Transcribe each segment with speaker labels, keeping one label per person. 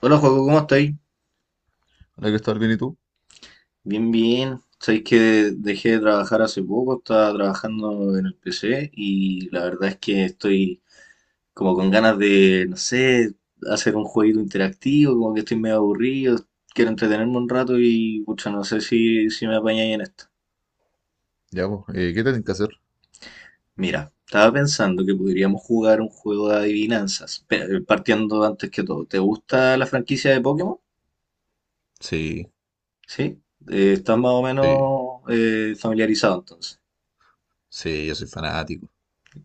Speaker 1: Hola, Joaco, ¿cómo estáis?
Speaker 2: Hola, que estar bien, ¿y tú?
Speaker 1: Bien, bien. Sabéis que dejé de trabajar hace poco, estaba trabajando en el PC y la verdad es que estoy como con ganas de, no sé, hacer un jueguito interactivo, como que estoy medio aburrido, quiero entretenerme un rato y, pucha, no sé si me apañáis en esto.
Speaker 2: Ya, pues, ¿qué tienen que hacer?
Speaker 1: Mira, estaba pensando que podríamos jugar un juego de adivinanzas, pero partiendo antes que todo. ¿Te gusta la franquicia de Pokémon?
Speaker 2: Sí,
Speaker 1: ¿Sí? ¿Estás más o
Speaker 2: sí,
Speaker 1: menos familiarizado entonces?
Speaker 2: sí, yo soy fanático,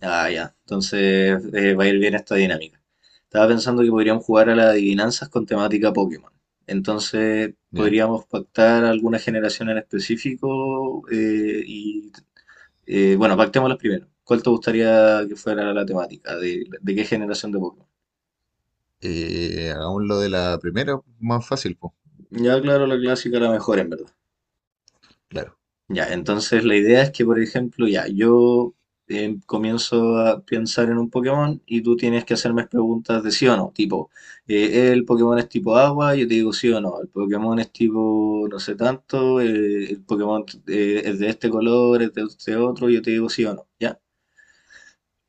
Speaker 1: Ah, ya. Entonces va a ir bien esta dinámica. Estaba pensando que podríamos jugar a las adivinanzas con temática Pokémon. Entonces
Speaker 2: ¿ya?
Speaker 1: podríamos pactar alguna generación en específico y, bueno, pactémoslas primero. ¿Cuál te gustaría que fuera la temática? ¿De qué generación de Pokémon?
Speaker 2: Hagamos lo de la primera, más fácil, pues,
Speaker 1: Ya, claro, la clásica, la mejor en verdad.
Speaker 2: claro,
Speaker 1: Ya, entonces la idea es que, por ejemplo, ya, yo comienzo a pensar en un Pokémon y tú tienes que hacerme preguntas de sí o no, tipo, el Pokémon es tipo agua, yo te digo sí o no, el Pokémon es tipo no sé tanto, el Pokémon es de este color, es de este otro, yo te digo sí o no, ¿ya?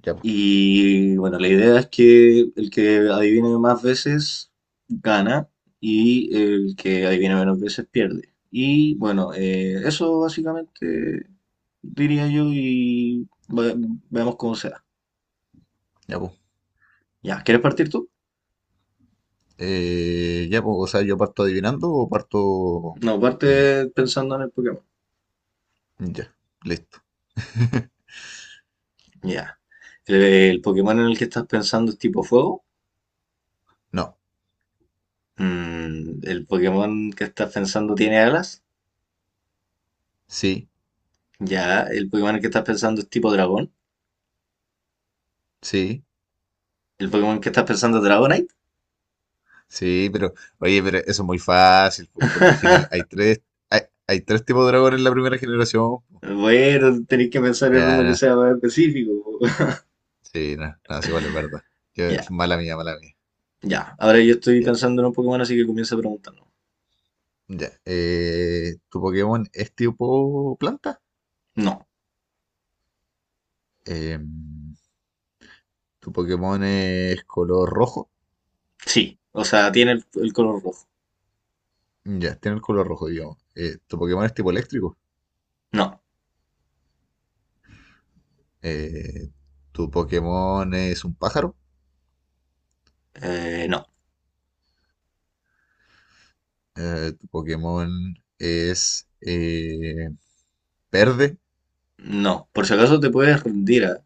Speaker 2: ya, pues,
Speaker 1: Y bueno, la idea es que el que adivine más veces gana y el que adivine menos veces pierde. Y bueno, eso básicamente diría yo y veamos cómo sea.
Speaker 2: ya, pues.
Speaker 1: Ya, ¿quieres partir tú?
Speaker 2: Ya, pues, o sea, ¿yo parto adivinando o parto...
Speaker 1: No,
Speaker 2: eh,
Speaker 1: parte pensando en el Pokémon.
Speaker 2: ya, listo.
Speaker 1: Ya. ¿El Pokémon en el que estás pensando es tipo fuego?
Speaker 2: No,
Speaker 1: ¿El Pokémon que estás pensando tiene alas?
Speaker 2: sí,
Speaker 1: Ya. ¿El Pokémon en el que estás pensando es tipo dragón?
Speaker 2: sí,
Speaker 1: ¿El Pokémon que estás pensando es Dragonite?
Speaker 2: sí, pero, oye, pero eso es muy fácil, po, porque al final hay tres, hay, hay tres tipos de dragones en la primera generación.
Speaker 1: Bueno, tenéis que pensar en uno
Speaker 2: Ya,
Speaker 1: que
Speaker 2: no,
Speaker 1: sea más específico, po.
Speaker 2: sí, no, no, sí, igual es verdad.
Speaker 1: Ya,
Speaker 2: Mala mía, mala mía.
Speaker 1: ya. Ahora yo estoy
Speaker 2: Ya.
Speaker 1: pensando en un Pokémon, así que comienza preguntando.
Speaker 2: Ya. ¿Tu Pokémon es tipo planta?
Speaker 1: No,
Speaker 2: Eh, ¿Tu Pokémon es color rojo?
Speaker 1: sí. O sea, tiene el color rojo.
Speaker 2: Ya, tiene el color rojo, digamos. ¿Tu Pokémon es tipo eléctrico?
Speaker 1: No,
Speaker 2: Eh, ¿Tu Pokémon es un pájaro?
Speaker 1: no,
Speaker 2: ¿Tu Pokémon es verde?
Speaker 1: no. Por si acaso te puedes rendir a.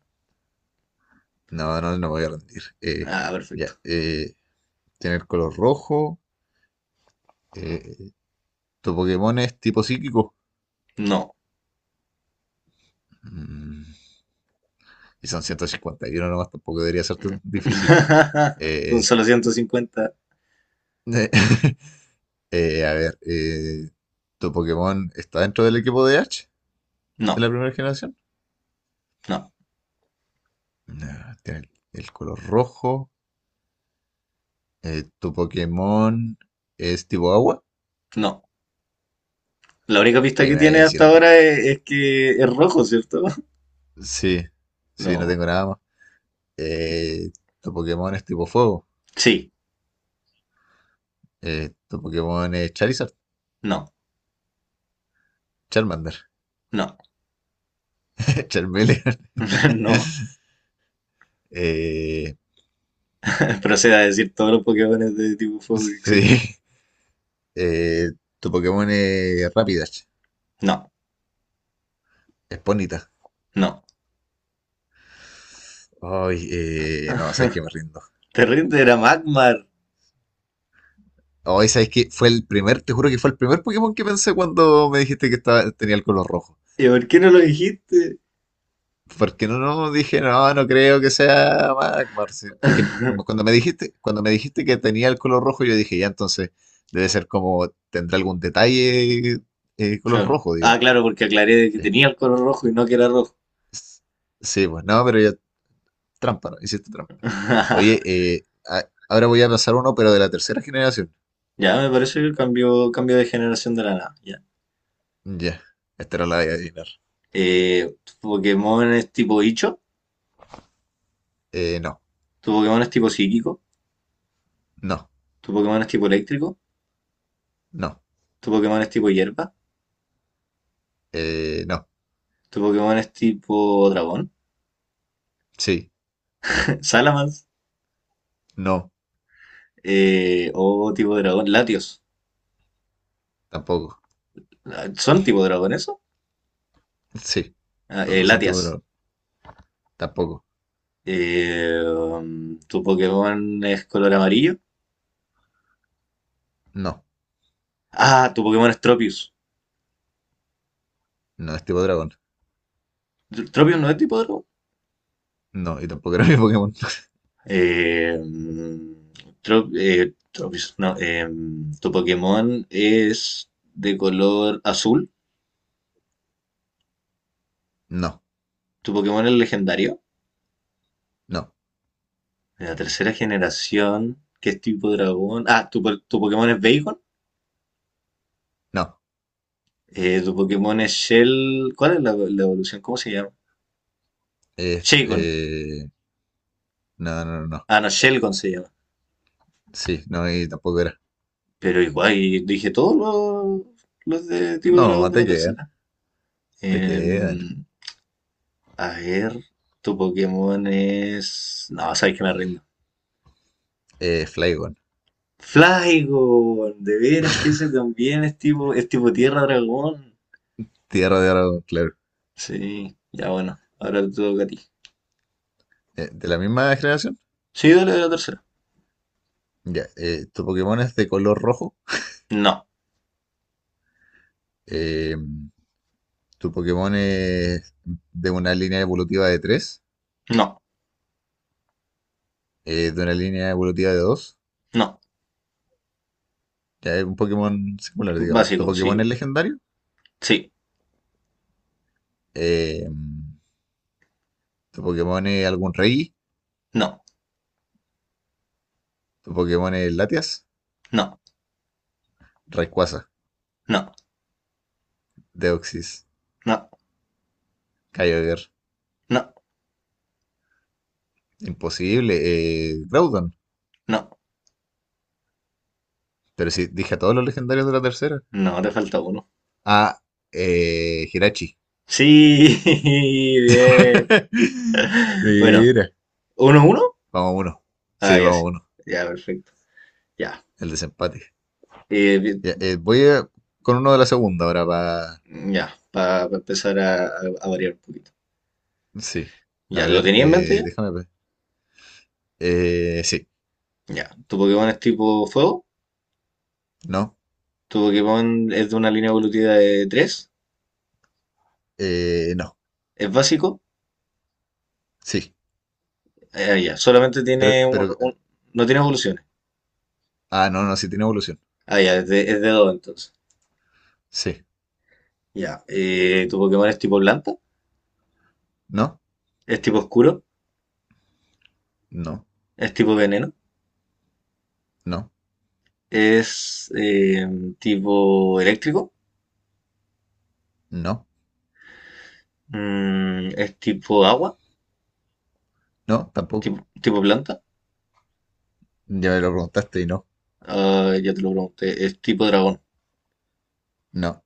Speaker 2: No, no, no me voy a rendir.
Speaker 1: Ah,
Speaker 2: Ya,
Speaker 1: perfecto.
Speaker 2: eh, Tiene el color rojo. Eh, ¿Tu Pokémon es tipo psíquico?
Speaker 1: No.
Speaker 2: Mm, y son 151 nomás, tampoco debería ser tan difícil.
Speaker 1: Son
Speaker 2: Eh,
Speaker 1: solo 150.
Speaker 2: A ver, ¿tu Pokémon está dentro del equipo de Ash de la
Speaker 1: No,
Speaker 2: primera generación?
Speaker 1: no,
Speaker 2: No, tiene el color rojo. ¿Tu Pokémon es tipo agua?
Speaker 1: no. La única pista
Speaker 2: Oye,
Speaker 1: que
Speaker 2: me vaya a
Speaker 1: tiene
Speaker 2: decir
Speaker 1: hasta
Speaker 2: a todos.
Speaker 1: ahora es que es rojo, ¿cierto?
Speaker 2: Sí, sí, no
Speaker 1: No.
Speaker 2: tengo nada más. Eh, ¿Tu Pokémon es tipo fuego?
Speaker 1: Sí,
Speaker 2: ¿Tu Pokémon es Charizard?
Speaker 1: no,
Speaker 2: Charmander.
Speaker 1: no,
Speaker 2: Charmeleon.
Speaker 1: no.
Speaker 2: Eh,
Speaker 1: Proceda a decir todos los Pokémones de tipo fuego que existen.
Speaker 2: sí. Eh, ¿Tu Pokémon es Rapidash?
Speaker 1: No,
Speaker 2: Es Ponyta.
Speaker 1: no.
Speaker 2: Ay, no, sabes que me rindo.
Speaker 1: Terrible era Magmar.
Speaker 2: Hoy, sabes que fue el primer, te juro que fue el primer Pokémon que pensé cuando me dijiste que estaba, tenía el color rojo.
Speaker 1: ¿Y por qué no lo dijiste?
Speaker 2: Porque no, no, dije, no, no creo que sea Magmar. Sí, es que cuando me dijiste que tenía el color rojo, yo dije, ya, entonces debe ser como, tendrá algún detalle color
Speaker 1: Claro.
Speaker 2: rojo,
Speaker 1: Ah,
Speaker 2: digamos.
Speaker 1: claro, porque aclaré que
Speaker 2: Sí.
Speaker 1: tenía el color rojo y no que era rojo.
Speaker 2: S- Sí, pues no, pero ya, trampa, ¿no? Hiciste trampa. Oye, ahora voy a pensar uno, pero de la tercera generación.
Speaker 1: Ya, me parece que el cambio de generación de la nada. Ya.
Speaker 2: Ya, esta era la de adivinar.
Speaker 1: ¿Tu Pokémon es tipo bicho?
Speaker 2: No.
Speaker 1: ¿Tu Pokémon es tipo psíquico?
Speaker 2: No,
Speaker 1: ¿Tu Pokémon es tipo eléctrico?
Speaker 2: no,
Speaker 1: ¿Tu Pokémon es tipo hierba?
Speaker 2: no,
Speaker 1: ¿Tu Pokémon es tipo dragón?
Speaker 2: sí,
Speaker 1: ¿Salamence?
Speaker 2: no,
Speaker 1: ¿O tipo dragón? ¿Latios?
Speaker 2: tampoco,
Speaker 1: Ah, ¿son tipo dragón eso?
Speaker 2: sí.
Speaker 1: Ah,
Speaker 2: Los dos son tipo
Speaker 1: Latias.
Speaker 2: dragón. Tampoco,
Speaker 1: ¿Tu Pokémon es color amarillo?
Speaker 2: no,
Speaker 1: Ah, tu Pokémon es Tropius.
Speaker 2: no es tipo dragón.
Speaker 1: ¿Tropius no es tipo dragón?
Speaker 2: No, y tampoco era mi Pokémon.
Speaker 1: Eh, mm, Tropius, no. ¿Tu Pokémon es de color azul?
Speaker 2: No,
Speaker 1: ¿Tu Pokémon es legendario?
Speaker 2: no,
Speaker 1: De la tercera generación, ¿qué es tipo dragón? Ah, ¿tu Pokémon es Bacon?
Speaker 2: no.
Speaker 1: ¿Tu Pokémon es Shell? ¿Cuál es la evolución? ¿Cómo se llama?
Speaker 2: Es,
Speaker 1: Shaycon.
Speaker 2: no, no, no, no.
Speaker 1: Ah, no, Shelgon se llama.
Speaker 2: Sí, no, y tampoco era.
Speaker 1: Pero igual, y dije todos los de tipo dragón
Speaker 2: No,
Speaker 1: de
Speaker 2: te
Speaker 1: la
Speaker 2: quedan,
Speaker 1: tercera.
Speaker 2: te quedan.
Speaker 1: Em, a ver, tu Pokémon es. No, sabes que me rindo.
Speaker 2: Flygon,
Speaker 1: Flygon, de veras que ese también es tipo tierra dragón.
Speaker 2: Tierra de Dragón, claro.
Speaker 1: Sí, ya bueno, ahora te toca a ti.
Speaker 2: ¿Eh, de la misma generación?
Speaker 1: Sí, dale de la tercera.
Speaker 2: Ya, tu Pokémon es de color rojo.
Speaker 1: No,
Speaker 2: Eh, Tu Pokémon es de una línea evolutiva de tres.
Speaker 1: no,
Speaker 2: Eh, de una línea evolutiva de dos.
Speaker 1: no.
Speaker 2: Ya es un Pokémon singular, digamos. Tu
Speaker 1: Básico,
Speaker 2: Pokémon es
Speaker 1: sí,
Speaker 2: legendario.
Speaker 1: sí,
Speaker 2: Eh, tu Pokémon es algún rey.
Speaker 1: no,
Speaker 2: Tu Pokémon es Latias.
Speaker 1: no,
Speaker 2: Rayquaza.
Speaker 1: no,
Speaker 2: Deoxys.
Speaker 1: no,
Speaker 2: Kyogre.
Speaker 1: no,
Speaker 2: Imposible. Groudon.
Speaker 1: no.
Speaker 2: Pero sí, dije a todos los legendarios de la tercera.
Speaker 1: No, te falta uno.
Speaker 2: Ah, Hirachi.
Speaker 1: Sí, bien. Bueno,
Speaker 2: Mira.
Speaker 1: ¿uno, uno?
Speaker 2: Vamos a uno.
Speaker 1: Ah,
Speaker 2: Sí,
Speaker 1: ya
Speaker 2: vamos a
Speaker 1: sí.
Speaker 2: uno.
Speaker 1: Ya, perfecto. Ya.
Speaker 2: El desempate.
Speaker 1: Bien,
Speaker 2: Ya, con uno de la segunda ahora para...
Speaker 1: ya, para empezar a variar un poquito.
Speaker 2: Sí. A
Speaker 1: Ya, ¿lo
Speaker 2: ver,
Speaker 1: tenía en mente ya?
Speaker 2: déjame ver. Sí,
Speaker 1: Ya. ¿Tu Pokémon es tipo fuego?
Speaker 2: no,
Speaker 1: ¿Tu Pokémon es de una línea evolutiva de tres?
Speaker 2: no,
Speaker 1: ¿Es básico?
Speaker 2: sí.
Speaker 1: Ah, ya. Solamente tiene un,
Speaker 2: Pero,
Speaker 1: un- No tiene evoluciones.
Speaker 2: ah, no, no, sí tiene evolución.
Speaker 1: Ah, ya, es de 2 entonces.
Speaker 2: Sí,
Speaker 1: Ya. ¿Tu Pokémon es tipo planta?
Speaker 2: no,
Speaker 1: ¿Es tipo oscuro?
Speaker 2: no,
Speaker 1: ¿Es tipo veneno?
Speaker 2: no,
Speaker 1: ¿Es tipo eléctrico?
Speaker 2: no,
Speaker 1: ¿Es tipo agua?
Speaker 2: no, tampoco.
Speaker 1: ¿Tipo planta?
Speaker 2: Ya me lo preguntaste y no,
Speaker 1: Ah, ya te lo pregunté. ¿Es tipo dragón?
Speaker 2: no,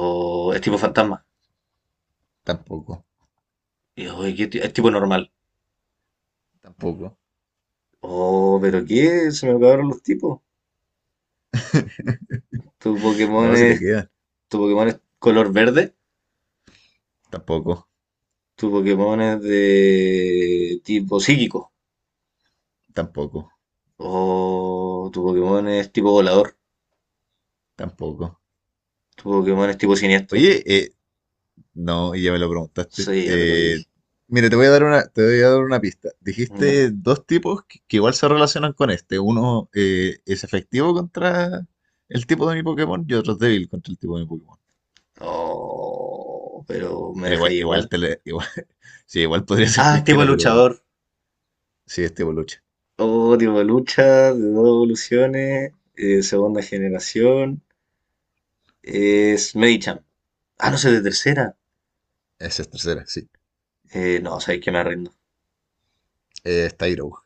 Speaker 1: ¿O es tipo fantasma?
Speaker 2: tampoco,
Speaker 1: Y, oye, ¿es tipo normal?
Speaker 2: tampoco.
Speaker 1: Oh, ¿pero qué? Se me acabaron los tipos. Tu Pokémon
Speaker 2: No, si te
Speaker 1: es,
Speaker 2: quedan,
Speaker 1: tu Pokémon es color verde.
Speaker 2: tampoco,
Speaker 1: Tu Pokémon es de tipo psíquico.
Speaker 2: tampoco,
Speaker 1: O tu Pokémon es tipo volador.
Speaker 2: tampoco.
Speaker 1: Tu Pokémon es tipo siniestro.
Speaker 2: Oye, no, y ya me lo preguntaste.
Speaker 1: Sí, ya te lo dije.
Speaker 2: Mira, te voy a dar una, te voy a dar una pista.
Speaker 1: ¿Ya?
Speaker 2: Dijiste dos tipos que igual se relacionan con este. Uno es efectivo contra el tipo de mi Pokémon y otro es débil contra el tipo de mi Pokémon.
Speaker 1: Oh, pero me
Speaker 2: Bueno,
Speaker 1: deja
Speaker 2: igual, igual,
Speaker 1: igual.
Speaker 2: igual, sí, igual podría ser
Speaker 1: Ah, es tipo
Speaker 2: cualquiera, pero
Speaker 1: luchador.
Speaker 2: sí, este Boluche.
Speaker 1: Oh, tipo lucha, de dos evoluciones, segunda generación. Es Medicham. Ah, no sé, de tercera.
Speaker 2: Esa es tercera, sí.
Speaker 1: No, sabéis que me rindo.
Speaker 2: Es Tyrogue.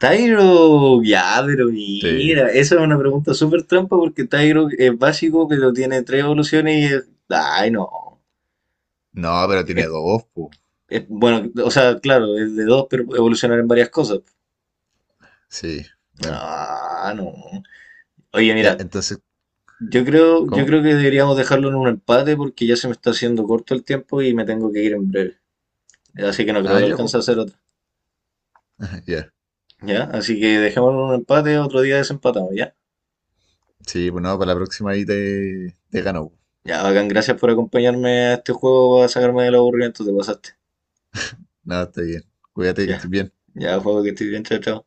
Speaker 1: Tyro, ya, pero
Speaker 2: Sí.
Speaker 1: mira, esa es una pregunta súper trampa porque Tyro es básico, pero tiene tres evoluciones y es. Ay, no.
Speaker 2: No, pero tiene
Speaker 1: Es-
Speaker 2: dos, pues.
Speaker 1: bueno, o sea, claro, es de dos, pero puede evolucionar en varias cosas.
Speaker 2: Sí, bueno.
Speaker 1: Ah, no. Oye,
Speaker 2: Ya,
Speaker 1: mira,
Speaker 2: entonces,
Speaker 1: yo creo, yo
Speaker 2: ¿cómo?
Speaker 1: creo que deberíamos dejarlo en un empate porque ya se me está haciendo corto el tiempo y me tengo que ir en breve. Así que no creo
Speaker 2: Ah,
Speaker 1: que
Speaker 2: ya, pues.
Speaker 1: alcance a hacer otra.
Speaker 2: Ya.
Speaker 1: ¿Ya? Así que dejémoslo en un empate, otro día desempatamos, ¿ya?
Speaker 2: Sí, pues no, para la próxima ahí te, te gano.
Speaker 1: Ya, bacán, gracias por acompañarme a este juego a sacarme del aburrimiento, te pasaste.
Speaker 2: Nada, está bien. Cuídate que estés
Speaker 1: Ya,
Speaker 2: bien.
Speaker 1: ya, juego que estoy bien, chao, chao.